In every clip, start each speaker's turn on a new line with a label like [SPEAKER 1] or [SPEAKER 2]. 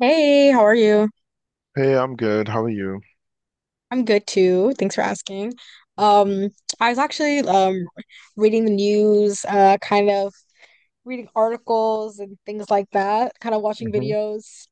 [SPEAKER 1] Hey, how are you?
[SPEAKER 2] Hey, I'm good. How are you?
[SPEAKER 1] I'm good too. Thanks for asking. Um, I was actually reading the news, kind of reading articles and things like that, kind of watching
[SPEAKER 2] hmm
[SPEAKER 1] videos,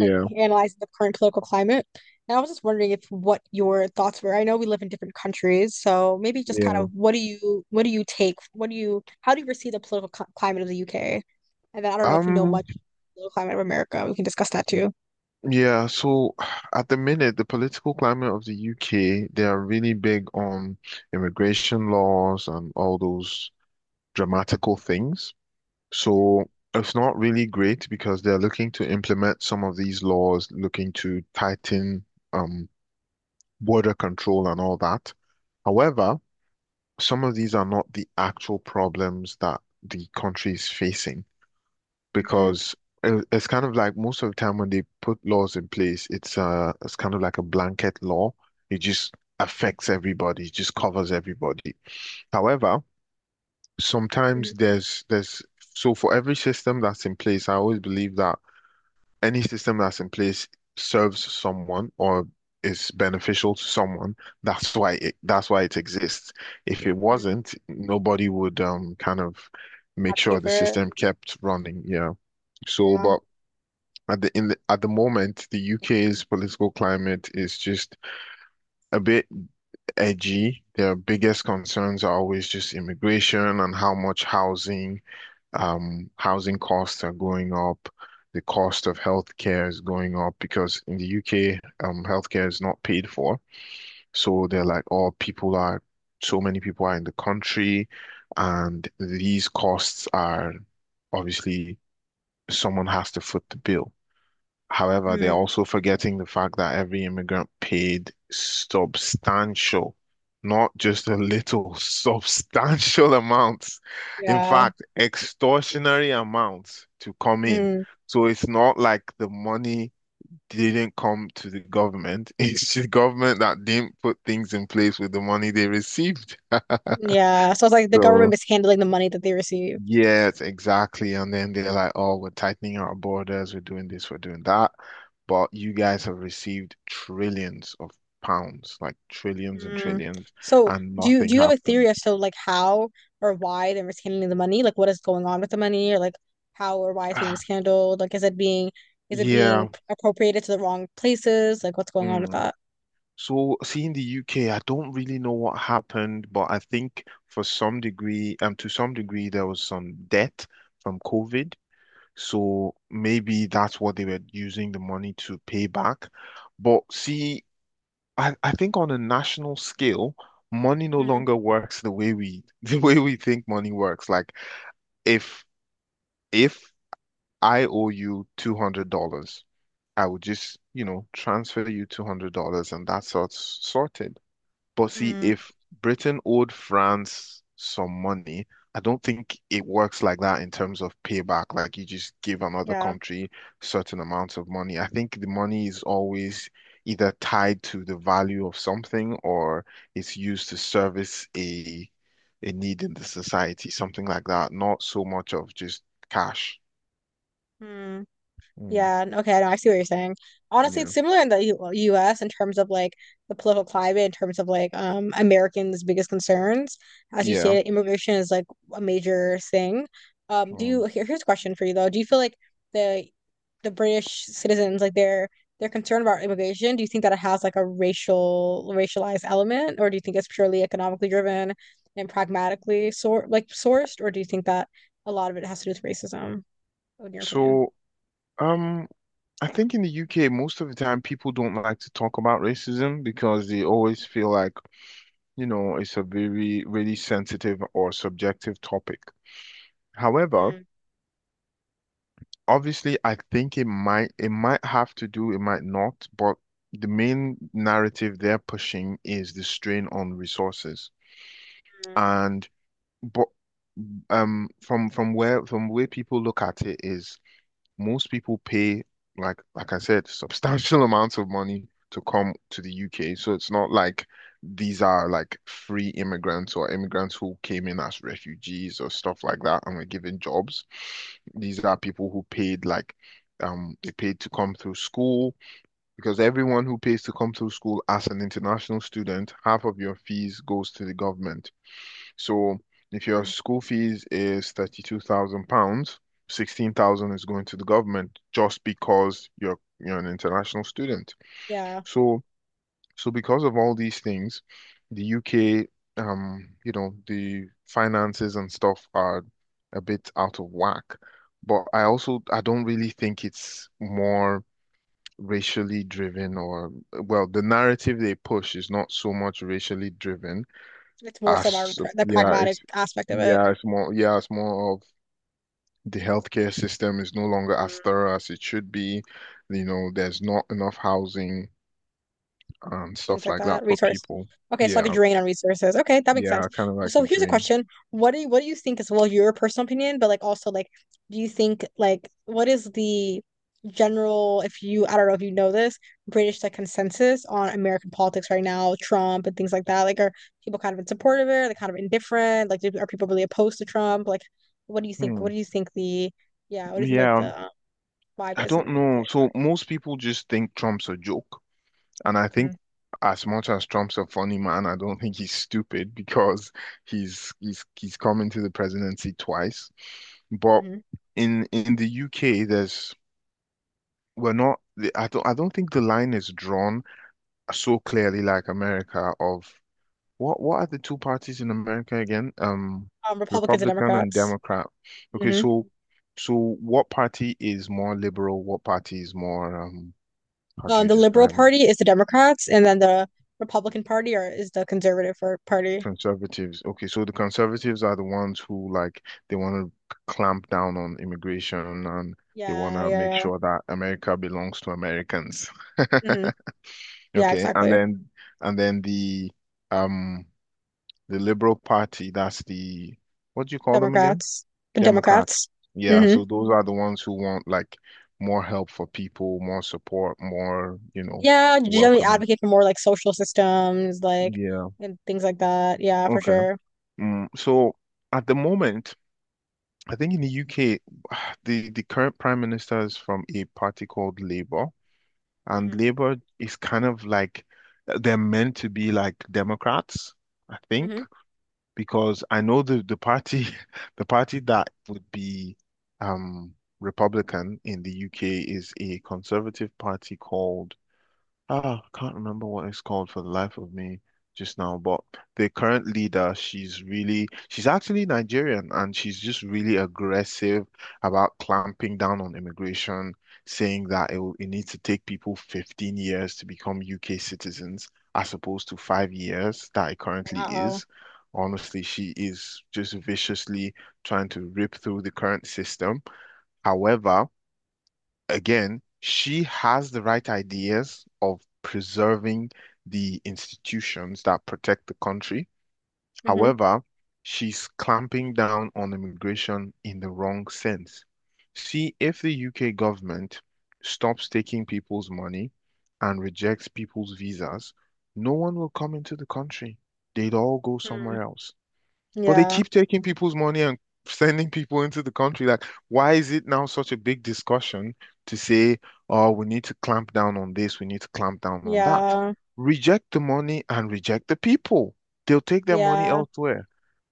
[SPEAKER 1] like analyzing the current political climate. And I was just wondering if what your thoughts were. I know we live in different countries, so maybe just kind
[SPEAKER 2] yeah.
[SPEAKER 1] of what do you take? What do you How do you perceive the political cl climate of the UK? And then I don't know if you know
[SPEAKER 2] Um,
[SPEAKER 1] much about the political climate of America. We can discuss that too.
[SPEAKER 2] yeah, so at the minute, the political climate of the UK, they are really big on immigration laws and all those dramatical things. So it's not really great because they're looking to implement some of these laws, looking to tighten um border control and all that. However, some of these are not the actual problems that the country is facing,
[SPEAKER 1] Mm-hmm.
[SPEAKER 2] because it's kind of like most of the time when they put laws in place, it's kind of like a blanket law. It just affects everybody, it just covers everybody. However, sometimes there's so for every system that's in place, I always believe that any system that's in place serves someone or is beneficial to someone. That's why it exists. If it wasn't, nobody would kind of make sure
[SPEAKER 1] Advocate
[SPEAKER 2] the
[SPEAKER 1] for
[SPEAKER 2] system kept running, yeah. So,
[SPEAKER 1] it.
[SPEAKER 2] but at the moment, the UK's political climate is just a bit edgy. Their biggest concerns are always just immigration and how much housing, housing costs are going up. The cost of healthcare is going up because in the UK, healthcare is not paid for. So they're like, oh, so many people are in the country, and these costs are obviously someone has to foot the bill. However, they're
[SPEAKER 1] Mm,
[SPEAKER 2] also forgetting the fact that every immigrant paid substantial, not just a little, substantial amounts. In
[SPEAKER 1] yeah.
[SPEAKER 2] fact, extortionary amounts to come in.
[SPEAKER 1] Mm,
[SPEAKER 2] So it's not like the money didn't come to the government. It's the government that didn't put things in place with the money they received.
[SPEAKER 1] yeah. So it's like the government
[SPEAKER 2] So
[SPEAKER 1] mishandling the money that they receive.
[SPEAKER 2] yes, exactly. And then they're like, oh, we're tightening our borders, we're doing this, we're doing that. But you guys have received trillions of pounds, like trillions and
[SPEAKER 1] Mm.
[SPEAKER 2] trillions,
[SPEAKER 1] So
[SPEAKER 2] and
[SPEAKER 1] do you
[SPEAKER 2] nothing
[SPEAKER 1] do you have a
[SPEAKER 2] happened.
[SPEAKER 1] theory as to like how or why they're mishandling the money? Like what is going on with the money or like how or why it's being
[SPEAKER 2] Ah,
[SPEAKER 1] mishandled? Like is it being
[SPEAKER 2] Yeah.
[SPEAKER 1] appropriated to the wrong places? Like what's going on with
[SPEAKER 2] mm.
[SPEAKER 1] that?
[SPEAKER 2] So see, in the UK, I don't really know what happened, but I think to some degree, there was some debt from COVID. So maybe that's what they were using the money to pay back. But see, I think on a national scale, money no
[SPEAKER 1] Mm,
[SPEAKER 2] longer works the way we the way we think money works. Like if if I owe you $200, I would just, you know, transfer you $200 and that's sorted. But see,
[SPEAKER 1] mm,
[SPEAKER 2] if Britain owed France some money, I don't think it works like that in terms of payback. Like you just give another
[SPEAKER 1] yeah.
[SPEAKER 2] country certain amounts of money. I think the money is always either tied to the value of something or it's used to service a need in the society, something like that. Not so much of just cash.
[SPEAKER 1] Mm.
[SPEAKER 2] Mm,
[SPEAKER 1] Yeah, okay, no, I see what you're saying. Honestly,
[SPEAKER 2] yeah.
[SPEAKER 1] it's similar in the U US in terms of like the political climate, in terms of like Americans' biggest concerns. As you
[SPEAKER 2] Yeah.
[SPEAKER 1] stated, immigration is like a major thing. Do
[SPEAKER 2] Mm.
[SPEAKER 1] you here, here's a question for you though. Do you feel like the the British citizens, like they're concerned about immigration? Do you think that it has like a racialized element, or do you think it's purely economically driven and pragmatically sort like sourced, or do you think that a lot of it has to do with racism, in your opinion?
[SPEAKER 2] So, um, I think in the UK, most of the time people don't like to talk about racism because they always feel like, you know, it's a very, really sensitive or subjective topic. However, obviously, I think it might have to do, it might not, but the main narrative they're pushing is the strain on resources. And but from where people look at it is most people pay like I said, substantial amounts of money to come to the UK. So it's not like these are like free immigrants or immigrants who came in as refugees or stuff like that and were given jobs. These are people who paid they paid to come through school because everyone who pays to come through school as an international student, half of your fees goes to the government. So if your
[SPEAKER 1] Mm.
[SPEAKER 2] school fees is 32,000 pounds, 16,000 is going to the government just because you're an international student.
[SPEAKER 1] Yeah,
[SPEAKER 2] So so because of all these things, the UK you know the finances and stuff are a bit out of whack. But I don't really think it's more racially driven or well the narrative they push is not so much racially driven.
[SPEAKER 1] it's more
[SPEAKER 2] I,
[SPEAKER 1] so about
[SPEAKER 2] sup-
[SPEAKER 1] the pragmatic aspect of it.
[SPEAKER 2] yeah, it's more of the healthcare system is no longer as
[SPEAKER 1] Mm.
[SPEAKER 2] thorough as it should be. You know, there's not enough housing and
[SPEAKER 1] Things
[SPEAKER 2] stuff
[SPEAKER 1] like
[SPEAKER 2] like that
[SPEAKER 1] that.
[SPEAKER 2] for
[SPEAKER 1] Resource.
[SPEAKER 2] people.
[SPEAKER 1] Okay, so like a
[SPEAKER 2] Yeah,
[SPEAKER 1] drain on resources. Okay, that makes sense.
[SPEAKER 2] yeah, kind of like
[SPEAKER 1] So
[SPEAKER 2] the
[SPEAKER 1] here's a
[SPEAKER 2] dream.
[SPEAKER 1] question: what do you think is well your personal opinion, but like also like, do you think like what is the general if you I don't know if you know this British like consensus on American politics right now, Trump and things like that? Like, are people kind of in support of it? Are they kind of indifferent? Like, are people really opposed to Trump? Like, what do you think?
[SPEAKER 2] Hmm.
[SPEAKER 1] What do you think the yeah? What do you think like
[SPEAKER 2] Yeah,
[SPEAKER 1] the vibe
[SPEAKER 2] I
[SPEAKER 1] is
[SPEAKER 2] don't
[SPEAKER 1] in the UK?
[SPEAKER 2] know. So most people just think Trump's a joke, and I
[SPEAKER 1] Mhm,
[SPEAKER 2] think as much as Trump's a funny man, I don't think he's stupid because he's come into the presidency twice. But
[SPEAKER 1] mhm.
[SPEAKER 2] in the UK, there's we're not the- I don't think the line is drawn so clearly like America of what are the two parties in America again?
[SPEAKER 1] Republicans and
[SPEAKER 2] Republican and
[SPEAKER 1] Democrats.
[SPEAKER 2] Democrat. Okay,
[SPEAKER 1] Hmm.
[SPEAKER 2] so so what party is more liberal? What party is more how do you
[SPEAKER 1] The Liberal
[SPEAKER 2] describe it?
[SPEAKER 1] Party is the Democrats, and then the Republican Party or is the Conservative Party.
[SPEAKER 2] Conservatives. Okay, so the conservatives are the ones who like they want to clamp down on immigration and they want
[SPEAKER 1] Yeah,
[SPEAKER 2] to make
[SPEAKER 1] yeah,
[SPEAKER 2] sure that America belongs to Americans.
[SPEAKER 1] yeah. Hmm. Yeah,
[SPEAKER 2] Okay, and
[SPEAKER 1] exactly.
[SPEAKER 2] then and then um the Liberal Party, that's the, what do you call them again?
[SPEAKER 1] Democrats, the
[SPEAKER 2] Democrats.
[SPEAKER 1] Democrats.
[SPEAKER 2] Yeah,
[SPEAKER 1] Hmm.
[SPEAKER 2] so those are the ones who want like more help for people, more support, more, you know,
[SPEAKER 1] Yeah, generally
[SPEAKER 2] welcoming.
[SPEAKER 1] advocate for more like social systems, like
[SPEAKER 2] Yeah.
[SPEAKER 1] and things like that. Yeah, for
[SPEAKER 2] Okay.
[SPEAKER 1] sure.
[SPEAKER 2] Mm, so at the moment, I think in the UK, the current prime minister is from a party called Labour, and
[SPEAKER 1] Hmm.
[SPEAKER 2] Labour is kind of like they're meant to be like Democrats, I think,
[SPEAKER 1] Hmm.
[SPEAKER 2] because I know the party the party that would be um Republican in the UK is a conservative party called. Ah, can't remember what it's called for the life of me just now, but the current leader, she's actually Nigerian and she's just really aggressive about clamping down on immigration, saying that it needs to take people 15 years to become UK citizens as opposed to 5 years that it currently
[SPEAKER 1] Wow.
[SPEAKER 2] is. Honestly, she is just viciously trying to rip through the current system. However, again, she has the right ideas of preserving the institutions that protect the country.
[SPEAKER 1] Hmm.
[SPEAKER 2] However, she's clamping down on immigration in the wrong sense. See, if the UK government stops taking people's money and rejects people's visas, no one will come into the country. They'd all go
[SPEAKER 1] Hmm.
[SPEAKER 2] somewhere else. But they
[SPEAKER 1] Yeah,
[SPEAKER 2] keep taking people's money and sending people into the country. Like, why is it now such a big discussion to say, oh, we need to clamp down on this, we need to clamp down on that?
[SPEAKER 1] yeah,
[SPEAKER 2] Reject the money and reject the people. They'll take their money
[SPEAKER 1] yeah.
[SPEAKER 2] elsewhere.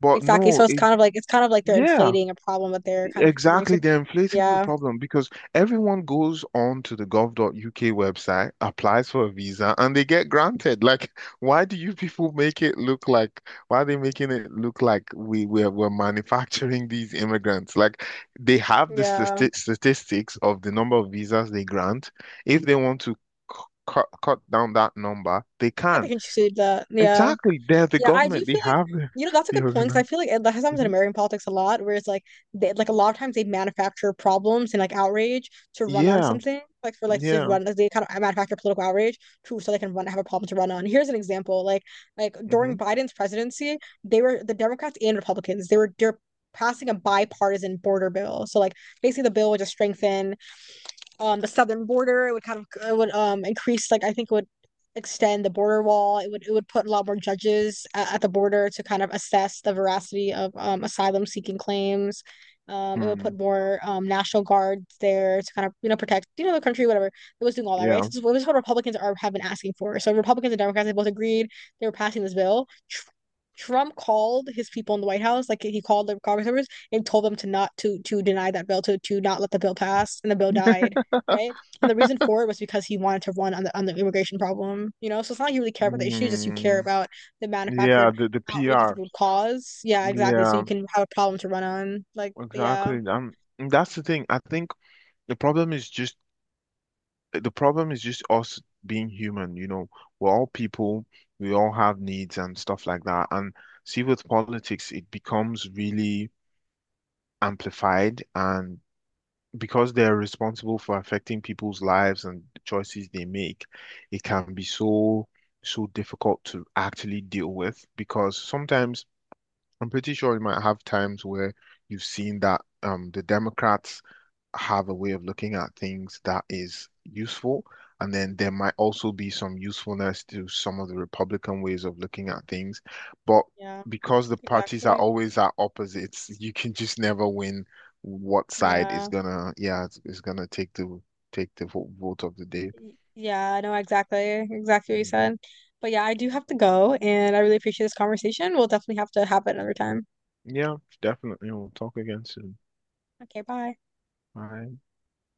[SPEAKER 2] But
[SPEAKER 1] Exactly.
[SPEAKER 2] no,
[SPEAKER 1] So it's
[SPEAKER 2] it,
[SPEAKER 1] kind of like they're
[SPEAKER 2] yeah.
[SPEAKER 1] inflating a problem that they're kind of contributing to.
[SPEAKER 2] Exactly, they're inflating the
[SPEAKER 1] Yeah.
[SPEAKER 2] problem because everyone goes on to the gov.uk website, applies for a visa, and they get granted. Like, why do you people make it look like, why are they making it look like we're manufacturing these immigrants? Like, they have the
[SPEAKER 1] Yeah.
[SPEAKER 2] statistics of the number of visas they grant. If they want to c- cut down that number, they
[SPEAKER 1] Yeah, they
[SPEAKER 2] can.
[SPEAKER 1] can choose that. Yeah.
[SPEAKER 2] Exactly, they're the
[SPEAKER 1] Yeah, I do
[SPEAKER 2] government, they
[SPEAKER 1] feel like,
[SPEAKER 2] have
[SPEAKER 1] you know, that's a
[SPEAKER 2] the
[SPEAKER 1] good point because I
[SPEAKER 2] organization.
[SPEAKER 1] feel like that has happened in American politics a lot, where it's like they like a lot of times they manufacture problems and like outrage to run on
[SPEAKER 2] Yeah,
[SPEAKER 1] something, like for like to
[SPEAKER 2] yeah.
[SPEAKER 1] run like, they kind of manufacture political outrage to so they can run have a problem to run on. Here's an example. Like during
[SPEAKER 2] Mm-hmm.
[SPEAKER 1] Biden's presidency, the Democrats and Republicans, they're passing a bipartisan border bill. So like basically the bill would just strengthen the southern border. It would kind of it would increase like I think it would extend the border wall. It would put a lot more judges at the border to kind of assess the veracity of asylum seeking claims. It would
[SPEAKER 2] Hmm.
[SPEAKER 1] put more national guards there to kind of you know protect you know the country whatever. It was doing all that right. So
[SPEAKER 2] Yeah.
[SPEAKER 1] this is what Republicans are have been asking for. So Republicans and Democrats they both agreed they were passing this bill. Trump called his people in the White House, like he called the Congress members and told them to not to to deny that bill, to not let the bill pass, and the bill died right? And the reason for it was because he wanted to run on the immigration problem, you know. So it's not like you really care about the issue, just you care
[SPEAKER 2] Mm,
[SPEAKER 1] about the
[SPEAKER 2] yeah,
[SPEAKER 1] manufactured
[SPEAKER 2] the
[SPEAKER 1] outrageous it
[SPEAKER 2] PR.
[SPEAKER 1] would cause. Yeah, exactly. So you
[SPEAKER 2] Yeah,
[SPEAKER 1] can have a problem to run on. Like
[SPEAKER 2] exactly. That's the thing. I think the problem is just the problem is just us being human, you know. We're all people, we all have needs and stuff like that. And see with politics, it becomes really amplified and because they're responsible for affecting people's lives and the choices they make, it can be so difficult to actually deal with because sometimes I'm pretty sure you might have times where you've seen that the Democrats have a way of looking at things that is useful, and then there might also be some usefulness to some of the Republican ways of looking at things. But
[SPEAKER 1] yeah,
[SPEAKER 2] because the parties are
[SPEAKER 1] exactly.
[SPEAKER 2] always at opposites, you can just never win what side is
[SPEAKER 1] Yeah.
[SPEAKER 2] gonna, yeah, it's gonna take the vote of the day.
[SPEAKER 1] Yeah, I know exactly what you
[SPEAKER 2] Mm.
[SPEAKER 1] said. But yeah, I do have to go and I really appreciate this conversation. We'll definitely have to have it another time.
[SPEAKER 2] Yeah, definitely. We'll talk again soon.
[SPEAKER 1] Okay, bye.
[SPEAKER 2] Bye.